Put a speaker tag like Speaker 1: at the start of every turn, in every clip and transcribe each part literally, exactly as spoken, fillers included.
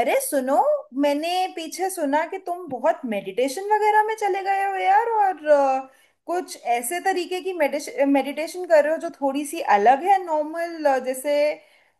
Speaker 1: अरे सुनो। मैंने पीछे सुना कि तुम बहुत मेडिटेशन वगैरह में चले गए हो यार, और अ, कुछ ऐसे तरीके की मेडिटेशन कर रहे हो जो थोड़ी सी अलग है नॉर्मल। जैसे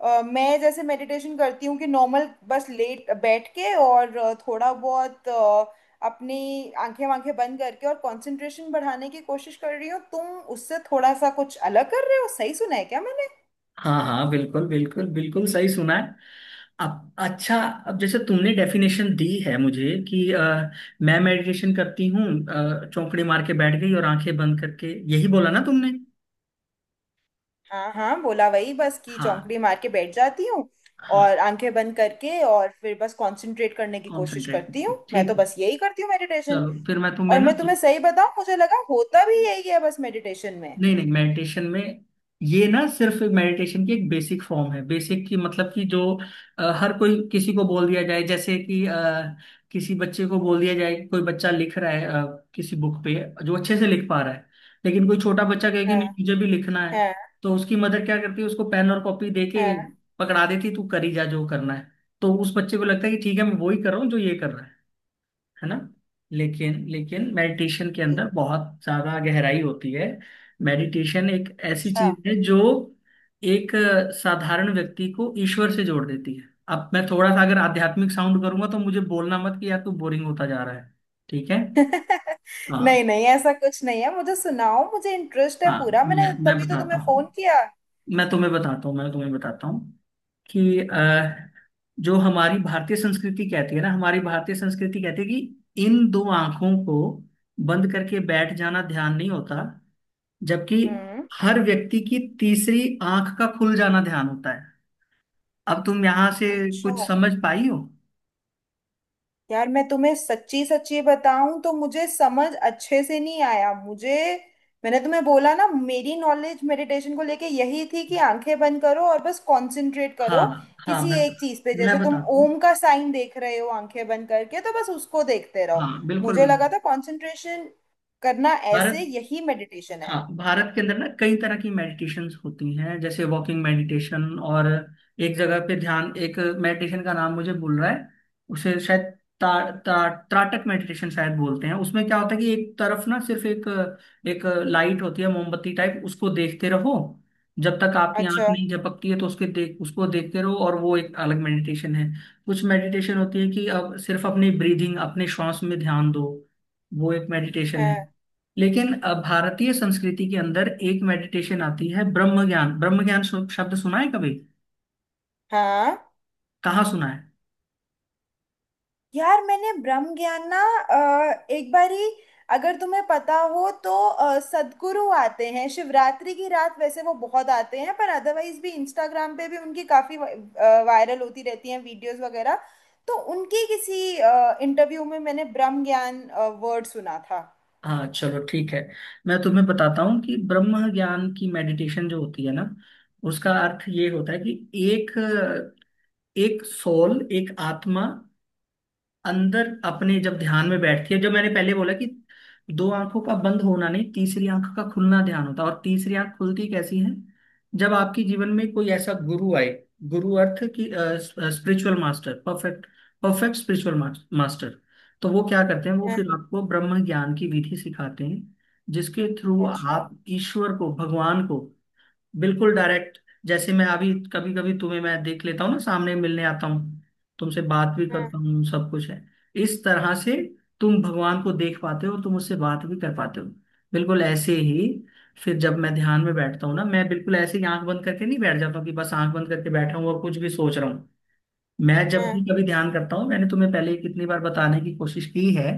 Speaker 1: अ, मैं जैसे मेडिटेशन करती हूँ कि नॉर्मल बस लेट बैठ के और अ, थोड़ा बहुत अ, अपनी आंखें वांखें बंद करके और कंसंट्रेशन बढ़ाने की कोशिश कर रही हो तुम उससे थोड़ा सा कुछ अलग कर रहे हो। सही सुना है क्या मैंने?
Speaker 2: हाँ हाँ, बिल्कुल बिल्कुल बिल्कुल सही सुना है। अब अच्छा, अब जैसे तुमने डेफिनेशन दी है मुझे कि अ, मैं मेडिटेशन करती हूँ, अ, चौकड़े मार के बैठ गई और आंखें बंद करके, यही बोला ना तुमने।
Speaker 1: हाँ हाँ, बोला वही बस कि
Speaker 2: हाँ
Speaker 1: चौंकड़ी मार के बैठ जाती हूँ
Speaker 2: हाँ,
Speaker 1: और आंखें बंद करके और फिर बस कंसंट्रेट करने की कोशिश
Speaker 2: कॉन्सेंट्रेट
Speaker 1: करती
Speaker 2: करती
Speaker 1: हूँ।
Speaker 2: हूँ,
Speaker 1: मैं तो
Speaker 2: ठीक है।
Speaker 1: बस यही करती हूँ मेडिटेशन।
Speaker 2: चलो फिर मैं तुम्हें
Speaker 1: और
Speaker 2: ना,
Speaker 1: मैं तुम्हें सही बताऊँ, मुझे लगा होता भी यही है बस मेडिटेशन में।
Speaker 2: नहीं नहीं मेडिटेशन में ये ना सिर्फ मेडिटेशन की एक बेसिक फॉर्म है। बेसिक की मतलब कि जो अ, हर कोई, किसी को बोल दिया जाए जैसे कि अ, किसी बच्चे को बोल दिया जाए कि कोई बच्चा लिख रहा है अ, किसी बुक पे, जो अच्छे से लिख पा रहा है। लेकिन कोई छोटा बच्चा कहे कि
Speaker 1: हाँ
Speaker 2: नहीं मुझे भी लिखना है,
Speaker 1: हाँ
Speaker 2: तो उसकी मदर क्या करती है, उसको पेन और कॉपी दे के
Speaker 1: हाँ।
Speaker 2: पकड़ा देती, तू करी जा जो करना है। तो उस बच्चे को लगता है कि ठीक है मैं वही कर रहा हूँ जो ये कर रहा है है ना। लेकिन लेकिन मेडिटेशन के अंदर बहुत ज्यादा गहराई होती है। मेडिटेशन एक ऐसी
Speaker 1: अच्छा।
Speaker 2: चीज है जो एक अ, साधारण व्यक्ति को ईश्वर से जोड़ देती है। अब मैं थोड़ा सा अगर आध्यात्मिक साउंड करूंगा तो मुझे बोलना मत कि यार तू बोरिंग होता जा रहा है, ठीक है।
Speaker 1: नहीं
Speaker 2: हाँ
Speaker 1: नहीं, ऐसा कुछ नहीं है, मुझे सुनाओ, मुझे इंटरेस्ट है
Speaker 2: हाँ,
Speaker 1: पूरा,
Speaker 2: मैं,
Speaker 1: मैंने
Speaker 2: मैं
Speaker 1: तभी तो
Speaker 2: बताता
Speaker 1: तुम्हें फोन
Speaker 2: हूँ।
Speaker 1: किया।
Speaker 2: मैं तुम्हें बताता हूँ मैं तुम्हें बताता हूँ कि अ, जो हमारी भारतीय संस्कृति कहती है ना, हमारी भारतीय संस्कृति कहती है कि इन दो आंखों को बंद करके बैठ जाना ध्यान नहीं होता, जबकि
Speaker 1: हम्म।
Speaker 2: हर व्यक्ति की तीसरी आंख का खुल जाना ध्यान होता है। अब तुम यहाँ से
Speaker 1: अच्छा।
Speaker 2: कुछ समझ पाई हो।
Speaker 1: यार मैं तुम्हें सच्ची सच्ची बताऊं तो मुझे समझ अच्छे से नहीं आया। मुझे मैंने तुम्हें बोला ना, मेरी नॉलेज मेडिटेशन को लेके यही थी कि आंखें बंद करो और बस कंसंट्रेट करो
Speaker 2: हाँ हाँ
Speaker 1: किसी
Speaker 2: मैं
Speaker 1: एक चीज पे।
Speaker 2: मैं
Speaker 1: जैसे तुम
Speaker 2: बताता हूँ,
Speaker 1: ओम का साइन देख रहे हो आंखें बंद करके, तो बस उसको देखते
Speaker 2: हाँ
Speaker 1: रहो।
Speaker 2: बिल्कुल
Speaker 1: मुझे
Speaker 2: बिल्कुल।
Speaker 1: लगा था कंसंट्रेशन करना ऐसे, यही मेडिटेशन
Speaker 2: हाँ,
Speaker 1: है।
Speaker 2: भारत के अंदर ना कई तरह की मेडिटेशंस होती हैं, जैसे वॉकिंग मेडिटेशन और एक जगह पे ध्यान। एक मेडिटेशन का नाम मुझे भूल रहा है, उसे शायद ता, ता, त्राटक मेडिटेशन शायद बोलते हैं। उसमें क्या होता है कि एक तरफ ना सिर्फ एक एक लाइट होती है, मोमबत्ती टाइप, उसको देखते रहो जब तक आपकी आंख
Speaker 1: अच्छा।
Speaker 2: नहीं झपकती है। तो उसके देख उसको देखते रहो, और वो एक अलग मेडिटेशन है। कुछ मेडिटेशन होती है कि अब सिर्फ अपनी ब्रीदिंग, अपने श्वास में ध्यान दो, वो एक मेडिटेशन है।
Speaker 1: हाँ
Speaker 2: लेकिन अ, भारतीय संस्कृति के अंदर एक मेडिटेशन आती है, ब्रह्म ज्ञान। ब्रह्म ज्ञान शु- शब्द सुना है कभी,
Speaker 1: हाँ।
Speaker 2: कहाँ सुना है।
Speaker 1: यार मैंने ब्रह्म ज्ञान ना अ, एक बारी, अगर तुम्हें पता हो तो, अ, सद्गुरु आते हैं शिवरात्रि की रात, वैसे वो बहुत आते हैं पर अदरवाइज भी, इंस्टाग्राम पे भी उनकी काफी वायरल होती रहती हैं वीडियोस वगैरह। तो उनकी किसी इंटरव्यू में मैंने ब्रह्म ज्ञान वर्ड सुना था।
Speaker 2: हाँ चलो ठीक है, मैं तुम्हें बताता हूँ कि ब्रह्म ज्ञान की मेडिटेशन जो होती है ना, उसका अर्थ ये होता है कि एक एक सोल, एक आत्मा अंदर अपने जब ध्यान में बैठती है। जब मैंने पहले बोला कि दो आंखों का बंद होना नहीं, तीसरी आंख का खुलना ध्यान होता है, और तीसरी आंख खुलती कैसी है, जब आपके जीवन में कोई ऐसा गुरु आए। गुरु अर्थ की, spiritual master, perfect, perfect spiritual master. तो वो क्या करते हैं, वो
Speaker 1: हम्म।
Speaker 2: फिर आपको ब्रह्म ज्ञान की विधि सिखाते हैं, जिसके थ्रू
Speaker 1: अच्छा।
Speaker 2: आप ईश्वर को, भगवान को बिल्कुल डायरेक्ट, जैसे मैं अभी कभी कभी तुम्हें मैं देख लेता हूँ ना, सामने मिलने आता हूँ, तुमसे बात भी
Speaker 1: हम्म।
Speaker 2: करता हूँ, सब कुछ है, इस तरह से तुम भगवान को देख पाते हो, तुम उससे बात भी कर पाते हो, बिल्कुल ऐसे ही। फिर जब मैं ध्यान में बैठता हूँ ना, मैं बिल्कुल ऐसे ही आंख बंद करके नहीं बैठ जाता हूँ कि बस आंख बंद करके बैठा हूँ और कुछ भी सोच रहा हूँ। मैं जब भी
Speaker 1: हम्म।
Speaker 2: कभी ध्यान करता हूँ, मैंने तुम्हें पहले कितनी बार बताने की कोशिश की है,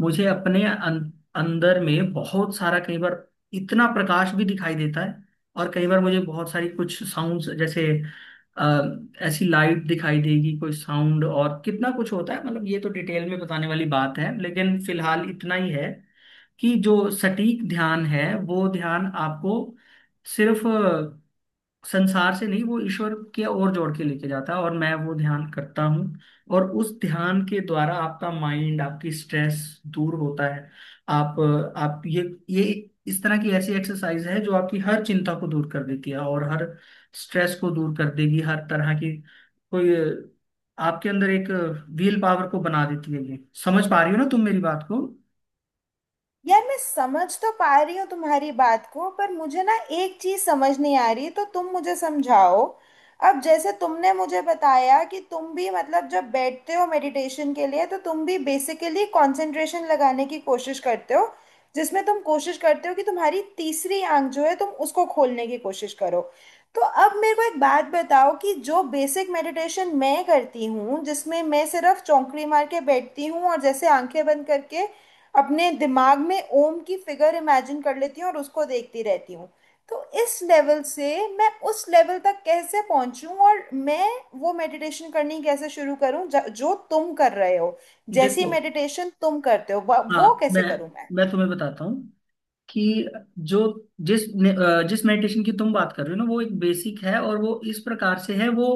Speaker 2: मुझे अपने अं, अंदर में बहुत सारा, कई बार इतना प्रकाश भी दिखाई देता है, और कई बार मुझे बहुत सारी कुछ साउंड्स जैसे अ, ऐसी लाइट दिखाई देगी, कोई साउंड, और कितना कुछ होता है। मतलब ये तो डिटेल में बताने वाली बात है, लेकिन फिलहाल इतना ही है कि जो सटीक ध्यान है वो ध्यान आपको सिर्फ संसार से नहीं, वो ईश्वर के और जोड़ के लेके जाता है, और मैं वो ध्यान करता हूँ। और उस ध्यान के द्वारा आपका माइंड, आपकी स्ट्रेस दूर होता है। आप आप ये ये इस तरह की ऐसी एक्सरसाइज है जो आपकी हर चिंता को दूर कर देती है, और हर स्ट्रेस को दूर कर देगी, हर तरह की कोई, आपके अंदर एक विल पावर को बना देती है ये। समझ पा रही हो ना तुम मेरी बात को।
Speaker 1: यार मैं समझ तो पा रही हूँ तुम्हारी बात को, पर मुझे ना एक चीज समझ नहीं आ रही, तो तुम मुझे समझाओ। अब जैसे तुमने मुझे बताया कि तुम भी, मतलब जब बैठते हो मेडिटेशन के लिए, तो तुम भी बेसिकली कंसंट्रेशन लगाने की कोशिश करते हो, जिसमें तुम कोशिश करते हो कि तुम्हारी तीसरी आंख जो है तुम उसको खोलने की कोशिश करो। तो अब मेरे को एक बात बताओ कि जो बेसिक मेडिटेशन मैं करती हूँ, जिसमें मैं सिर्फ चौंकड़ी मार के बैठती हूँ और जैसे आंखें बंद करके अपने दिमाग में ओम की फिगर इमेजिन कर लेती हूँ और उसको देखती रहती हूँ, तो इस लेवल से मैं उस लेवल तक कैसे पहुंचूं? और मैं वो मेडिटेशन करनी कैसे शुरू करूं ज- जो तुम कर रहे हो, जैसी
Speaker 2: देखो,
Speaker 1: मेडिटेशन तुम करते हो, व- वो
Speaker 2: हाँ मैं
Speaker 1: कैसे करूं मैं?
Speaker 2: मैं तुम्हें बताता हूँ कि जो जिस ने- अ, जिस मेडिटेशन की तुम बात कर रहे हो ना, वो एक बेसिक है, और वो इस प्रकार से है वो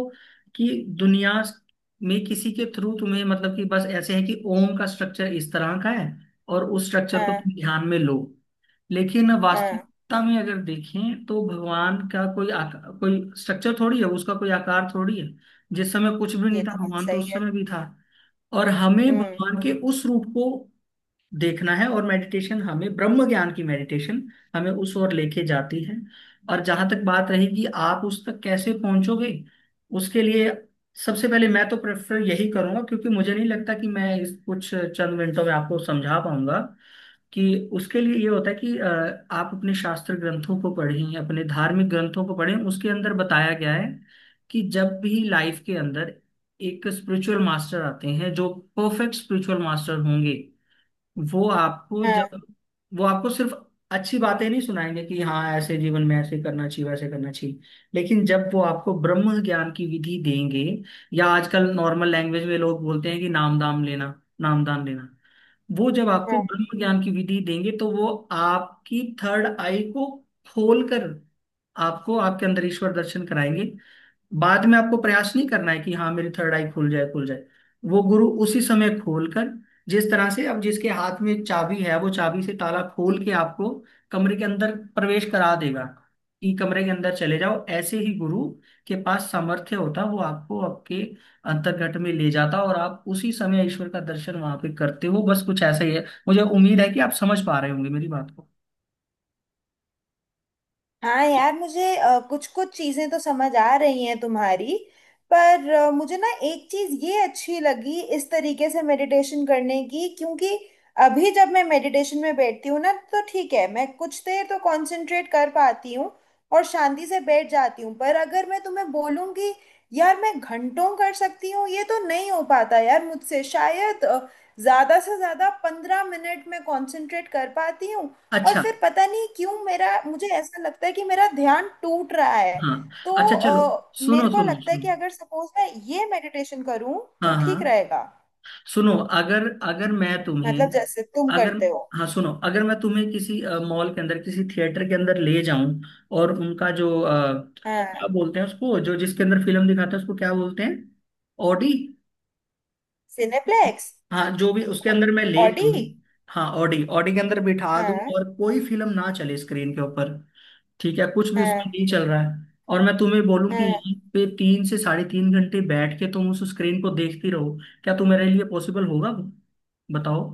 Speaker 2: कि दुनिया में किसी के थ्रू तुम्हें मतलब कि बस ऐसे है कि ओम का स्ट्रक्चर इस तरह का है, और उस स्ट्रक्चर को
Speaker 1: हाँ
Speaker 2: तुम ध्यान में लो। लेकिन
Speaker 1: हाँ।
Speaker 2: वास्तविकता में अगर देखें तो भगवान का कोई आकार, कोई स्ट्रक्चर थोड़ी है, उसका कोई आकार थोड़ी है। जिस समय कुछ भी नहीं
Speaker 1: ये
Speaker 2: था,
Speaker 1: तो बात
Speaker 2: भगवान तो
Speaker 1: सही
Speaker 2: उस
Speaker 1: है।
Speaker 2: समय भी था। और हमें
Speaker 1: हम्म।
Speaker 2: भगवान के उस रूप को देखना है, और मेडिटेशन हमें, ब्रह्म ज्ञान की मेडिटेशन हमें उस ओर लेके जाती है। और जहां तक बात रहेगी आप उस तक कैसे पहुंचोगे, उसके लिए सबसे पहले मैं तो प्रेफर यही करूंगा, क्योंकि मुझे नहीं लगता कि मैं इस कुछ चंद मिनटों में आपको समझा पाऊंगा कि, उसके लिए ये होता है कि अ, आप अपने शास्त्र ग्रंथों को पढ़ें, अपने धार्मिक ग्रंथों को पढ़ें। उसके अंदर बताया गया है कि जब भी लाइफ के अंदर एक स्पिरिचुअल मास्टर आते हैं, जो परफेक्ट स्पिरिचुअल मास्टर होंगे, वो आपको जब, वो आपको सिर्फ अच्छी बातें नहीं सुनाएंगे कि हाँ ऐसे जीवन में ऐसे करना चाहिए, वैसे करना चाहिए, लेकिन जब वो आपको ब्रह्म ज्ञान की विधि देंगे, या आजकल नॉर्मल लैंग्वेज में लोग बोलते हैं कि नाम दाम लेना, नाम दान लेना, वो जब आपको
Speaker 1: हाँ
Speaker 2: ब्रह्म ज्ञान की विधि देंगे तो वो आपकी थर्ड आई को खोलकर आपको आपके अंदर ईश्वर दर्शन कराएंगे। बाद में आपको प्रयास नहीं करना है कि हाँ मेरी थर्ड आई खुल जाए, खुल जाए। वो गुरु उसी समय खोलकर, जिस तरह से अब जिसके हाथ में चाबी है वो चाबी से ताला खोल के आपको कमरे के अंदर प्रवेश करा देगा कि कमरे के अंदर चले जाओ, ऐसे ही गुरु के पास सामर्थ्य होता, वो आपको आपके अंतर्घट में ले जाता, और आप उसी समय ईश्वर का दर्शन वहां पे करते हो। बस कुछ ऐसा ही है, मुझे उम्मीद है कि आप समझ पा रहे होंगे मेरी बात को।
Speaker 1: हाँ। यार मुझे कुछ कुछ चीजें तो समझ आ रही हैं तुम्हारी, पर अ, मुझे ना एक चीज ये अच्छी लगी इस तरीके से मेडिटेशन करने की, क्योंकि अभी जब मैं मेडिटेशन में बैठती हूँ ना, तो ठीक है, मैं कुछ देर तो कंसंट्रेट कर पाती हूँ और शांति से बैठ जाती हूँ, पर अगर मैं तुम्हें बोलूँ कि यार मैं घंटों कर सकती हूँ, ये तो नहीं हो पाता यार मुझसे। शायद अ, ज्यादा से ज्यादा पंद्रह मिनट में कंसंट्रेट कर पाती हूँ, और
Speaker 2: अच्छा
Speaker 1: फिर पता नहीं क्यों मेरा मुझे ऐसा लगता है कि मेरा ध्यान टूट रहा है।
Speaker 2: हाँ,
Speaker 1: तो
Speaker 2: अच्छा चलो,
Speaker 1: अ,
Speaker 2: सुनो
Speaker 1: मेरे को
Speaker 2: सुनो
Speaker 1: लगता है
Speaker 2: सुनो,
Speaker 1: कि अगर सपोज मैं ये मेडिटेशन करूं तो
Speaker 2: हाँ
Speaker 1: ठीक
Speaker 2: हाँ,
Speaker 1: रहेगा,
Speaker 2: सुनो, अगर अगर मैं तुम्हें,
Speaker 1: मतलब जैसे तुम
Speaker 2: अगर,
Speaker 1: करते हो।
Speaker 2: हाँ सुनो, अगर मैं तुम्हें किसी मॉल के अंदर, किसी थिएटर के अंदर ले जाऊं, और उनका जो अ,
Speaker 1: हाँ।
Speaker 2: क्या बोलते हैं उसको, जो जिसके अंदर फिल्म दिखाते हैं उसको क्या बोलते हैं, ऑडी,
Speaker 1: सिनेप्लेक्स।
Speaker 2: हाँ जो भी उसके अंदर मैं ले
Speaker 1: ऑडी।
Speaker 2: जाऊं, हाँ ऑडी, ऑडी के अंदर बिठा दूं,
Speaker 1: हाँ
Speaker 2: और कोई फिल्म ना चले स्क्रीन के ऊपर, ठीक है, कुछ भी उसमें
Speaker 1: हाँ
Speaker 2: नहीं चल रहा है, और मैं तुम्हें बोलूं कि
Speaker 1: हाँ।
Speaker 2: यहीं पे तीन से साढ़े तीन घंटे बैठ के तुम उस स्क्रीन को देखती रहो, क्या तुम्हारे लिए पॉसिबल होगा वो, बताओ।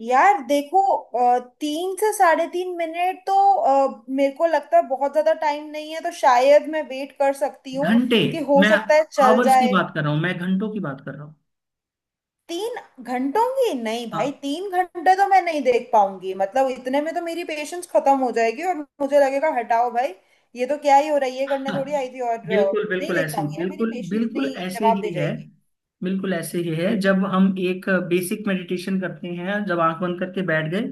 Speaker 1: यार देखो, अ, तीन से साढ़े तीन मिनट तो, अ, मेरे को लगता है बहुत ज्यादा टाइम नहीं है, तो शायद मैं वेट कर सकती हूँ
Speaker 2: घंटे,
Speaker 1: कि हो
Speaker 2: मैं
Speaker 1: सकता है चल
Speaker 2: आवर्स की
Speaker 1: जाए।
Speaker 2: बात कर रहा हूँ, मैं घंटों की बात कर रहा हूँ।
Speaker 1: तीन घंटों की? नहीं भाई,
Speaker 2: हाँ
Speaker 1: तीन घंटे तो मैं नहीं देख पाऊंगी। मतलब इतने में तो मेरी पेशेंस खत्म हो जाएगी और मुझे लगेगा हटाओ भाई, ये तो क्या ही हो रहा है, ये करने थोड़ी
Speaker 2: हाँ,
Speaker 1: आई थी। और अ,
Speaker 2: बिल्कुल
Speaker 1: नहीं
Speaker 2: बिल्कुल
Speaker 1: देख
Speaker 2: ऐसे ही,
Speaker 1: पाऊंगी यार, मेरी
Speaker 2: बिल्कुल
Speaker 1: पेशेंस
Speaker 2: बिल्कुल
Speaker 1: नहीं
Speaker 2: ऐसे
Speaker 1: जवाब दे
Speaker 2: ही है,
Speaker 1: जाएगी।
Speaker 2: बिल्कुल ऐसे ही है। जब हम एक बेसिक मेडिटेशन करते हैं, जब आंख बंद करके बैठ गए,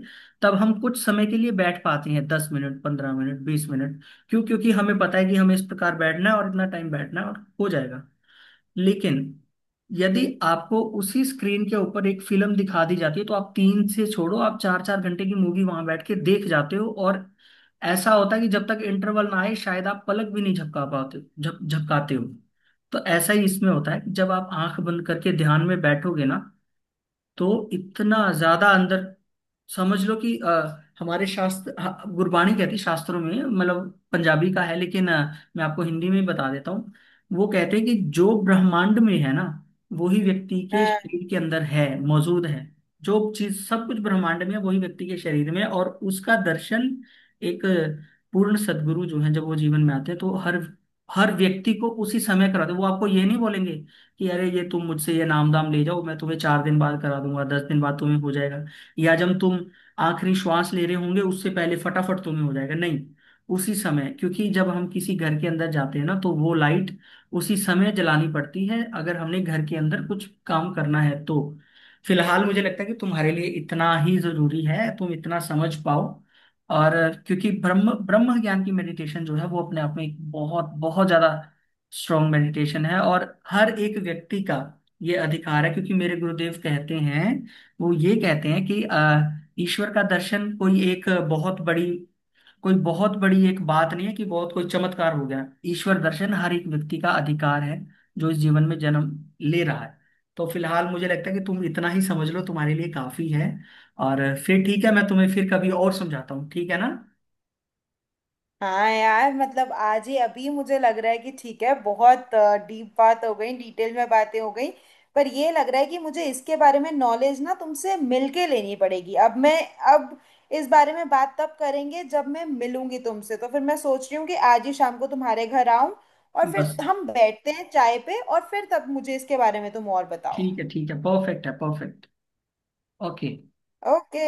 Speaker 2: तब हम कुछ समय के लिए बैठ पाते हैं, दस मिनट, पंद्रह मिनट, बीस मिनट। क्यों, क्योंकि हमें पता है कि हमें इस प्रकार बैठना है और इतना टाइम बैठना है और हो जाएगा। लेकिन यदि आपको उसी स्क्रीन के ऊपर एक फिल्म दिखा दी जाती है, तो आप तीन से छोड़ो, आप चार चार घंटे की मूवी वहां बैठ के देख जाते हो, और ऐसा होता है कि जब तक इंटरवल ना आए शायद आप पलक भी नहीं झपका पाते झप झपकाते हो। तो ऐसा ही इसमें होता है कि जब आप आंख बंद करके ध्यान में बैठोगे ना, तो इतना ज्यादा अंदर, समझ लो कि अ, हमारे शास्त्र, ह- गुरबाणी कहती है, शास्त्रों में, मतलब पंजाबी का है, लेकिन अ, मैं आपको हिंदी में बता देता हूँ, वो कहते हैं कि जो ब्रह्मांड में है ना, वही व्यक्ति के शरीर के अंदर है, मौजूद है। जो चीज, सब कुछ ब्रह्मांड में है वही व्यक्ति के शरीर में है, और उसका दर्शन एक पूर्ण सदगुरु जो है, जब वो जीवन में आते हैं तो हर हर व्यक्ति को उसी समय कराते हैं। वो आपको ये नहीं बोलेंगे कि अरे ये तुम मुझसे ये नाम दाम ले जाओ, मैं तुम्हें चार दिन बाद करा दूंगा, दस दिन बाद तुम्हें हो जाएगा, या जब तुम आखिरी श्वास ले रहे होंगे उससे पहले फटाफट तुम्हें हो जाएगा, नहीं, उसी समय। क्योंकि जब हम किसी घर के अंदर जाते हैं ना तो वो लाइट उसी समय जलानी पड़ती है, अगर हमने घर के अंदर कुछ काम करना है तो। फिलहाल मुझे लगता है कि तुम्हारे लिए इतना ही जरूरी है, तुम इतना समझ पाओ। और क्योंकि ब्रह्म ब्रह्म ज्ञान की मेडिटेशन जो है, वो अपने आप में एक बहुत बहुत ज्यादा स्ट्रॉन्ग मेडिटेशन है, और हर एक व्यक्ति का ये अधिकार है, क्योंकि मेरे गुरुदेव कहते हैं, वो ये कहते हैं कि अ, ईश्वर का दर्शन कोई एक बहुत बड़ी, कोई बहुत बड़ी एक बात नहीं है कि बहुत कोई चमत्कार हो गया। ईश्वर दर्शन हर एक व्यक्ति का अधिकार है, जो इस जीवन में जन्म ले रहा है। तो फिलहाल मुझे लगता है कि तुम इतना ही समझ लो, तुम्हारे लिए काफी है। और फिर ठीक है, मैं तुम्हें फिर कभी और समझाता हूँ, ठीक है ना।
Speaker 1: हाँ यार, मतलब आज ही अभी मुझे लग रहा है कि ठीक है, बहुत डीप बात हो गई, डिटेल में बातें हो गई, पर ये लग रहा है कि मुझे इसके बारे में नॉलेज ना तुमसे मिलके लेनी पड़ेगी। अब मैं अब इस बारे में बात तब करेंगे जब मैं मिलूंगी तुमसे। तो फिर मैं सोच रही हूँ कि आज ही शाम को तुम्हारे घर आऊं और फिर
Speaker 2: बस
Speaker 1: हम बैठते हैं चाय पे और फिर तब मुझे इसके बारे में तुम और बताओ।
Speaker 2: ठीक है ठीक है, परफेक्ट है, परफेक्ट। ओके।
Speaker 1: ओके।